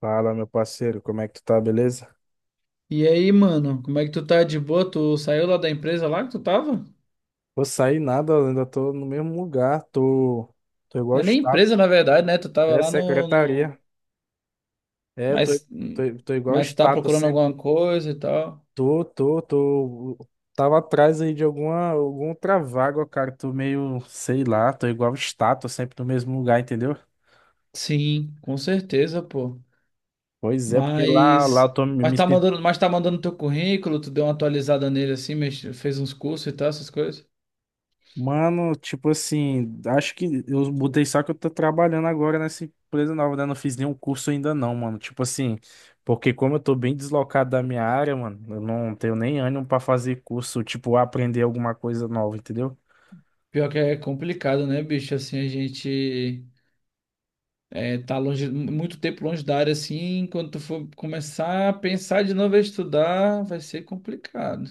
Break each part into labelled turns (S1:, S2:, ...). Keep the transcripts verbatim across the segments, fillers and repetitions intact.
S1: Fala, meu parceiro, como é que tu tá, beleza?
S2: E aí, mano, como é que tu tá de boa? Tu saiu lá da empresa lá que tu tava?
S1: Vou sair nada, eu ainda tô no mesmo lugar, tô, tô igual
S2: Não é nem
S1: estátua.
S2: empresa, na verdade, né? Tu tava
S1: É,
S2: lá no, no...
S1: secretaria. É, tô,
S2: Mas,
S1: tô, tô igual
S2: mas tu tá
S1: estátua,
S2: procurando
S1: sempre.
S2: alguma coisa e tal.
S1: Tô, tô, tô. Tava atrás aí de alguma, alguma outra vaga, cara. Tô meio, sei lá, tô igual estátua, sempre no mesmo lugar, entendeu?
S2: Sim, com certeza, pô.
S1: Pois é, porque lá, lá eu
S2: Mas,
S1: tô me,
S2: mas
S1: me
S2: tá mandando, mas tá mandando teu currículo, tu deu uma atualizada nele assim, mexe- fez uns cursos e tal, essas coisas.
S1: Mano, tipo assim, acho que eu mudei só que eu tô trabalhando agora nessa empresa nova, né? Não fiz nenhum curso ainda não, mano. Tipo assim, porque como eu tô bem deslocado da minha área, mano, eu não tenho nem ânimo pra fazer curso, tipo, aprender alguma coisa nova, entendeu?
S2: Pior que é complicado, né, bicho? Assim, a gente é, tá longe, muito tempo longe da área assim, quando tu for começar a pensar de novo a estudar, vai ser complicado.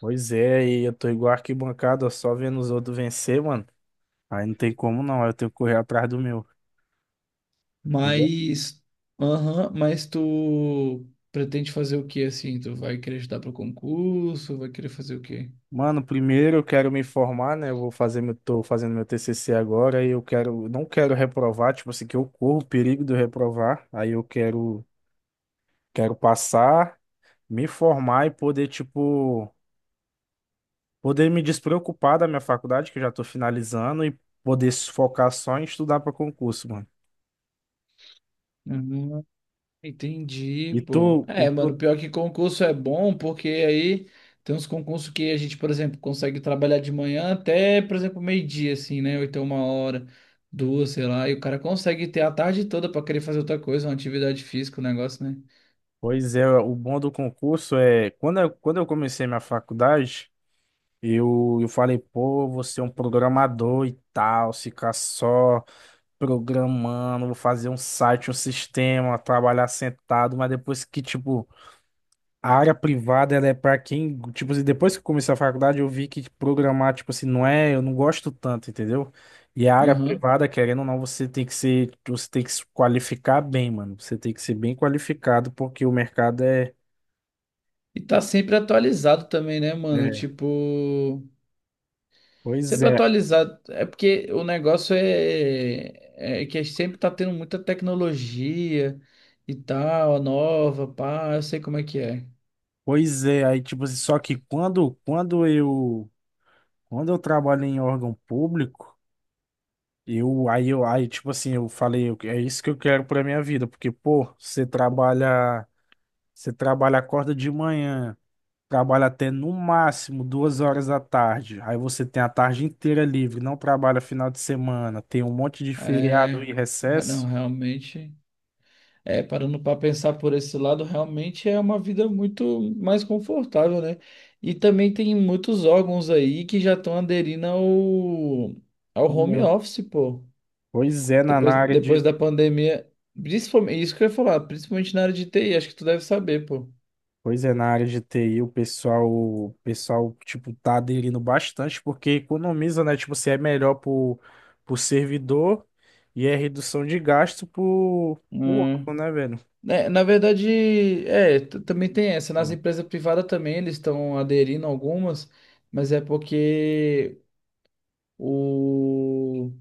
S1: Pois é, e eu tô igual arquibancada, ó, só vendo os outros vencer, mano. Aí não tem como não, aí eu tenho que correr atrás do meu.
S2: Mas, aham, mas tu pretende fazer o que assim? Tu vai querer estudar para concurso? Vai querer fazer o quê?
S1: Mano, primeiro eu quero me formar, né? Eu vou fazer meu, tô fazendo meu T C C agora e eu quero, não quero reprovar, tipo assim, que eu corro o perigo de eu reprovar. Aí eu quero, quero passar, me formar e poder, tipo, poder me despreocupar da minha faculdade, que eu já tô finalizando, e poder se focar só em estudar para concurso, mano.
S2: Uhum, entendi,
S1: E
S2: pô.
S1: tu, e
S2: É,
S1: tu,
S2: mano, pior que concurso é bom, porque aí tem uns concursos que a gente, por exemplo, consegue trabalhar de manhã até, por exemplo, meio-dia, assim, né? Ou então uma hora, duas, sei lá. E o cara consegue ter a tarde toda para querer fazer outra coisa, uma atividade física, um negócio, né?
S1: pois é, o bom do concurso é, quando eu, quando eu comecei minha faculdade, eu, eu falei, pô, eu vou ser um programador e tal, ficar só programando, vou fazer um site, um sistema, trabalhar sentado, mas depois que, tipo, a área privada, ela é pra quem, tipo, assim, depois que eu comecei a faculdade, eu vi que programar, tipo assim, não é, eu não gosto tanto, entendeu? E a área
S2: Aham.
S1: privada, querendo ou não, você tem que ser, você tem que se qualificar bem, mano. Você tem que ser bem qualificado, porque o mercado é,
S2: E tá sempre atualizado também, né, mano?
S1: é,
S2: Tipo.
S1: pois
S2: Sempre
S1: é,
S2: atualizado. É porque o negócio é, é é que sempre tá tendo muita tecnologia e tal, nova, pá, eu sei como é que é.
S1: pois é, aí, tipo assim, só que quando, quando eu, quando eu trabalho em órgão público. Eu, aí eu, aí, tipo assim, eu falei, eu- é isso que eu quero pra minha vida, porque, pô, você trabalha, você trabalha, acorda de manhã, trabalha até no máximo duas horas da tarde, aí você tem a tarde inteira livre, não trabalha final de semana, tem um monte de feriado
S2: É,
S1: e
S2: é, não,
S1: recesso.
S2: realmente, é, parando para pensar por esse lado, realmente é uma vida muito mais confortável, né? E também tem muitos órgãos aí que já estão aderindo ao, ao
S1: Ô,
S2: home
S1: meu,
S2: office, pô.
S1: pois é, na, na
S2: Depois,
S1: área de
S2: depois da pandemia, principalmente, isso que eu ia falar, principalmente na área de T I, acho que tu deve saber, pô.
S1: pois é, na área de T I, o pessoal, o pessoal, tipo, tá aderindo bastante, porque economiza, né? Tipo, você é melhor pro, pro servidor e é redução de gasto pro, pro
S2: Hum.
S1: órgão, né, velho?
S2: É, na verdade, é, t- também tem essa. Nas
S1: Né?
S2: empresas privadas também eles estão aderindo algumas, mas é porque o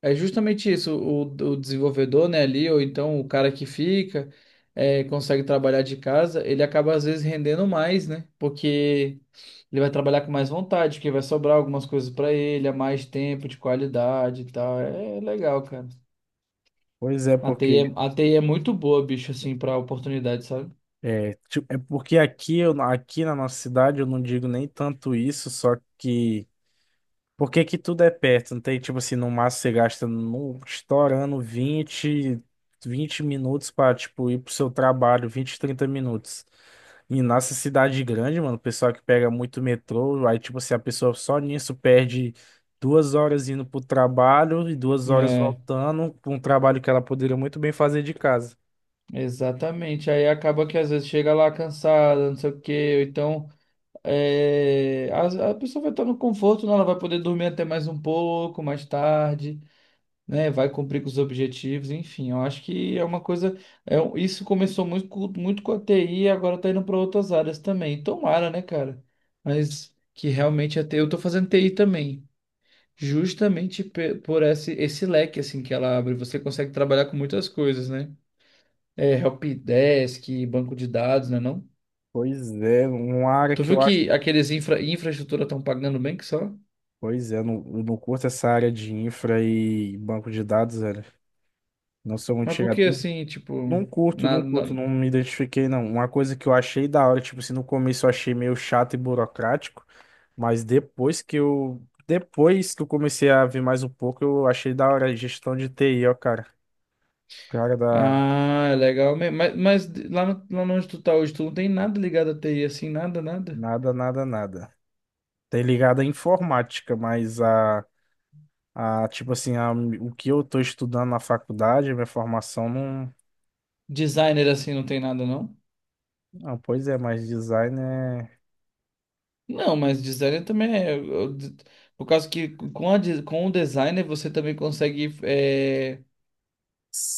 S2: é justamente isso, o, o desenvolvedor, né, ali, ou então o cara que fica, é, consegue trabalhar de casa, ele acaba às vezes rendendo mais, né? Porque ele vai trabalhar com mais vontade, que vai sobrar algumas coisas para ele, há mais tempo de qualidade e tal. É é legal, cara.
S1: Pois é,
S2: A TI
S1: porque
S2: é, a TI é muito boa, bicho, assim, para oportunidade, sabe?
S1: é, tipo, é porque aqui, eu, aqui na nossa cidade eu não digo nem tanto isso, só que por que que tudo é perto? Não tem, tipo assim, no máximo você gasta no, estourando vinte vinte minutos pra, tipo, ir pro seu trabalho, vinte trinta minutos. E nessa cidade grande, mano, o pessoal que pega muito metrô, aí, tipo assim, a pessoa só nisso perde duas horas indo pro trabalho e duas horas
S2: É,
S1: voltando, pra um trabalho que ela poderia muito bem fazer de casa.
S2: exatamente. Aí acaba que às vezes chega lá cansada, não sei o quê, ou então é, a, a pessoa vai estar no conforto, né? Ela vai poder dormir até mais um pouco, mais tarde, né? Vai cumprir com os objetivos, enfim. Eu acho que é uma coisa. É, um- isso começou muito, com- muito com a T I e agora tá indo para outras áreas também. Tomara, né, cara? Mas que realmente a T I, eu tô fazendo T I também. Justamente pe- por esse, esse leque assim que ela abre, você consegue trabalhar com muitas coisas, né? É, helpdesk, banco de dados, né, não?
S1: Pois é, uma área
S2: Tu
S1: que
S2: viu
S1: eu acho.
S2: que aqueles infra, infraestrutura estão pagando bem que só?
S1: Pois é, eu não, eu não curto essa área de infra e banco de dados, velho. Não sou muito
S2: Mas por
S1: chegado.
S2: que assim, tipo,
S1: Não curto,
S2: nada,
S1: não curto,
S2: na-
S1: não me identifiquei, não. Uma coisa que eu achei da hora, tipo assim, no começo eu achei meio chato e burocrático, mas depois que eu. Depois que eu comecei a ver mais um pouco, eu achei da hora a gestão de T I, ó, cara. Cara da.
S2: Ah, é legal mesmo. Mas, mas lá, no, lá onde tu tá hoje, tu não tem nada ligado a T I, assim, nada, nada.
S1: Nada, nada, nada. Tem ligado à informática, mas a. a tipo assim, a, o que eu tô estudando na faculdade, a minha formação não.
S2: Designer assim não tem nada, não?
S1: Ah, pois é, mas design
S2: Não, mas designer também é. eu- eu- Por causa que com, a de- com o designer você também consegue é,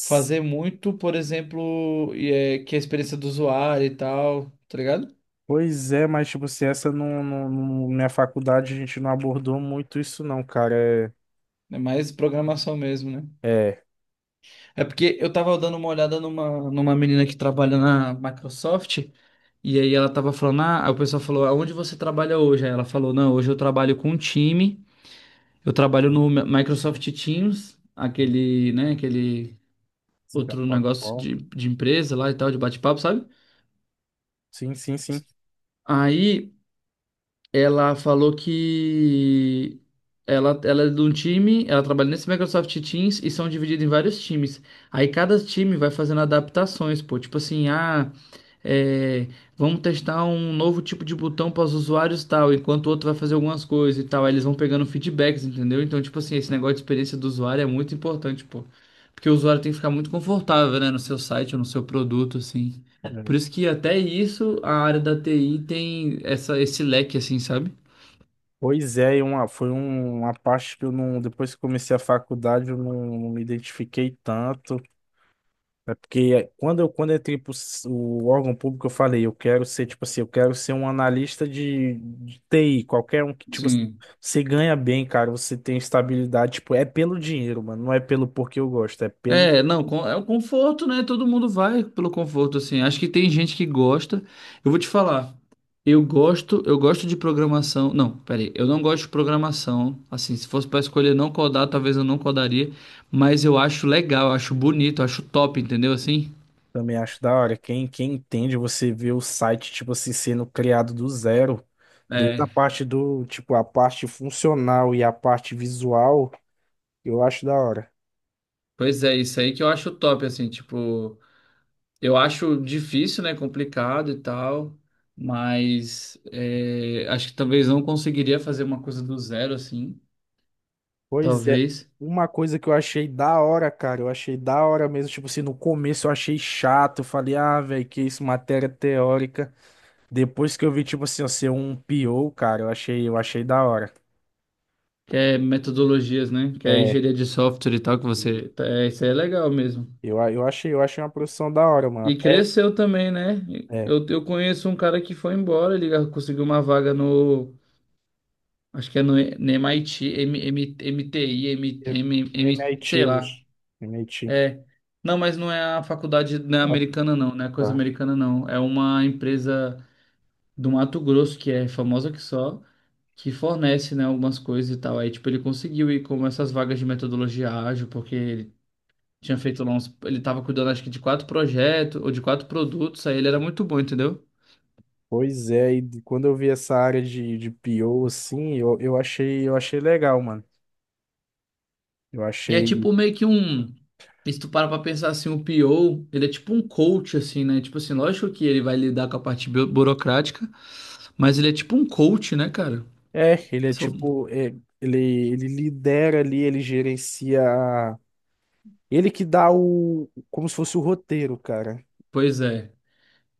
S2: fazer muito, por exemplo, e, é, que é a experiência do usuário e tal, tá ligado?
S1: Pois é, mas tipo, se essa não, não, não- minha faculdade a gente não abordou muito isso não, cara.
S2: É mais programação mesmo, né?
S1: É, é,
S2: É porque eu tava dando uma olhada numa, numa menina que trabalha na Microsoft, e aí ela tava falando, ah, aí o pessoal falou, aonde você trabalha hoje? Aí ela falou, não, hoje eu trabalho com um time, eu trabalho no Microsoft Teams, aquele, né, aquele
S1: essa aqui é a
S2: outro negócio
S1: plataforma.
S2: de, de empresa lá e tal, de bate-papo, sabe?
S1: Sim, sim, sim.
S2: Aí Ela falou que ela, ela é de um time, ela trabalha nesse Microsoft Teams e são divididos em vários times. Aí cada time vai fazendo adaptações, pô. Tipo assim, ah, é, vamos testar um novo tipo de botão para os usuários e tal, enquanto o outro vai fazer algumas coisas e tal. Aí eles vão pegando feedbacks, entendeu? Então, tipo assim, esse negócio de experiência do usuário é muito importante, pô. Porque o usuário tem que ficar muito confortável, né, no seu site ou no seu produto, assim. Por
S1: É.
S2: isso que até isso a área da T I tem essa, esse leque, assim, sabe?
S1: Pois é, e uma, foi um- uma parte que eu não, depois que comecei a faculdade, eu não, não me identifiquei tanto. É porque quando eu, quando eu entrei pro s- o órgão público, eu falei, eu quero ser, tipo assim, eu quero ser um analista de, de T I, qualquer um que, tipo assim,
S2: Sim.
S1: você ganha bem, cara, você tem estabilidade, tipo, é pelo dinheiro, mano, não é pelo porque eu gosto, é pelo
S2: É, não, com- é o conforto, né? Todo mundo vai pelo conforto, assim. Acho que tem gente que gosta. Eu vou te falar, eu gosto, eu gosto de programação. Não, peraí, eu não gosto de programação. Assim, se fosse pra escolher não codar, talvez eu não codaria, mas eu acho legal, eu acho bonito, eu acho top, entendeu? Assim,
S1: também acho da hora. Quem, quem entende, você vê o site, tipo assim, sendo criado do zero, desde a
S2: é,
S1: parte do, tipo, a parte funcional e a parte visual, eu acho da hora.
S2: pois é, isso aí que eu acho top, assim, tipo. Eu acho difícil, né? Complicado e tal, mas é, acho que talvez não conseguiria fazer uma coisa do zero assim,
S1: Pois é,
S2: talvez.
S1: uma coisa que eu achei da hora, cara, eu achei da hora mesmo, tipo assim, no começo eu achei chato, eu falei, ah, velho, que isso, matéria teórica. Depois que eu vi, tipo assim, eu ser um P O, cara, eu achei, eu achei da hora.
S2: Que é metodologias, né? Que é
S1: É,
S2: engenharia de software e tal, que você. Tá, É, isso aí é legal mesmo.
S1: eu, eu achei, eu achei uma profissão da hora, mano.
S2: E
S1: Até
S2: cresceu também, né?
S1: é.
S2: Eu, eu conheço um cara que foi embora, ele conseguiu uma vaga no. Acho que é no, no M I T, M, M, MTI, M, M, M,
S1: M I T,
S2: sei
S1: Luz.
S2: lá.
S1: M I T.
S2: É. Não, mas não é a faculdade né,
S1: Ah,
S2: americana, não, não é coisa
S1: tá.
S2: americana, não. É uma empresa do Mato Grosso, que é famosa que só, que fornece, né, algumas coisas e tal. Aí, tipo, ele conseguiu ir com essas vagas de metodologia ágil, porque ele tinha feito lá uns. Ele tava cuidando, acho que, de quatro projetos ou de quatro produtos, aí ele era muito bom, entendeu?
S1: Pois é, e de- quando eu vi essa área de, de P O, assim, eu, eu achei, eu achei legal, mano. Eu
S2: E é
S1: achei.
S2: tipo meio que um. E se tu para pra pensar assim, o P O, ele é tipo um coach, assim, né? Tipo assim, lógico que ele vai lidar com a parte bu- burocrática, mas ele é tipo um coach, né, cara?
S1: É, ele é tipo. É, ele, ele lidera ali, ele gerencia. A- ele que dá o. Como se fosse o roteiro, cara.
S2: Pois é.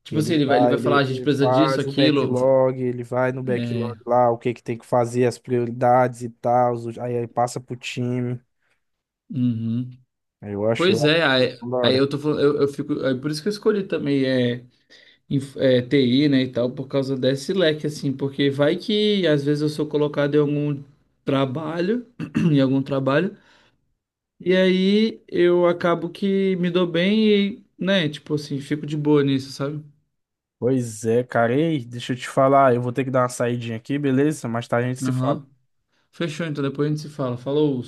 S2: Tipo
S1: Ele
S2: assim, ele vai, ele
S1: dá,
S2: vai falar,
S1: ele,
S2: "Ah, a gente
S1: ele
S2: precisa disso,
S1: faz o
S2: aquilo. v-
S1: backlog, ele vai no backlog
S2: É.
S1: lá, o que que tem que fazer, as prioridades e tal, os- aí, aí passa pro time.
S2: uhum.
S1: Aí Eu acho,
S2: Pois
S1: eu acho.
S2: é, aí,
S1: isso da
S2: aí eu
S1: hora.
S2: tô falando, eu, eu fico. É por isso que eu escolhi também é, inf- é, T I, né, e tal, por causa desse leque, assim, porque vai que às vezes eu sou colocado em algum trabalho, em algum trabalho, e aí eu acabo que me dou bem e, né, tipo assim, fico de boa nisso, sabe?
S1: Pois é, cara. Ei, deixa eu te falar, eu vou ter que dar uma saidinha aqui, beleza? Mais tarde a gente se
S2: Aham.
S1: fala.
S2: Fechou, então depois a gente se fala. Falou.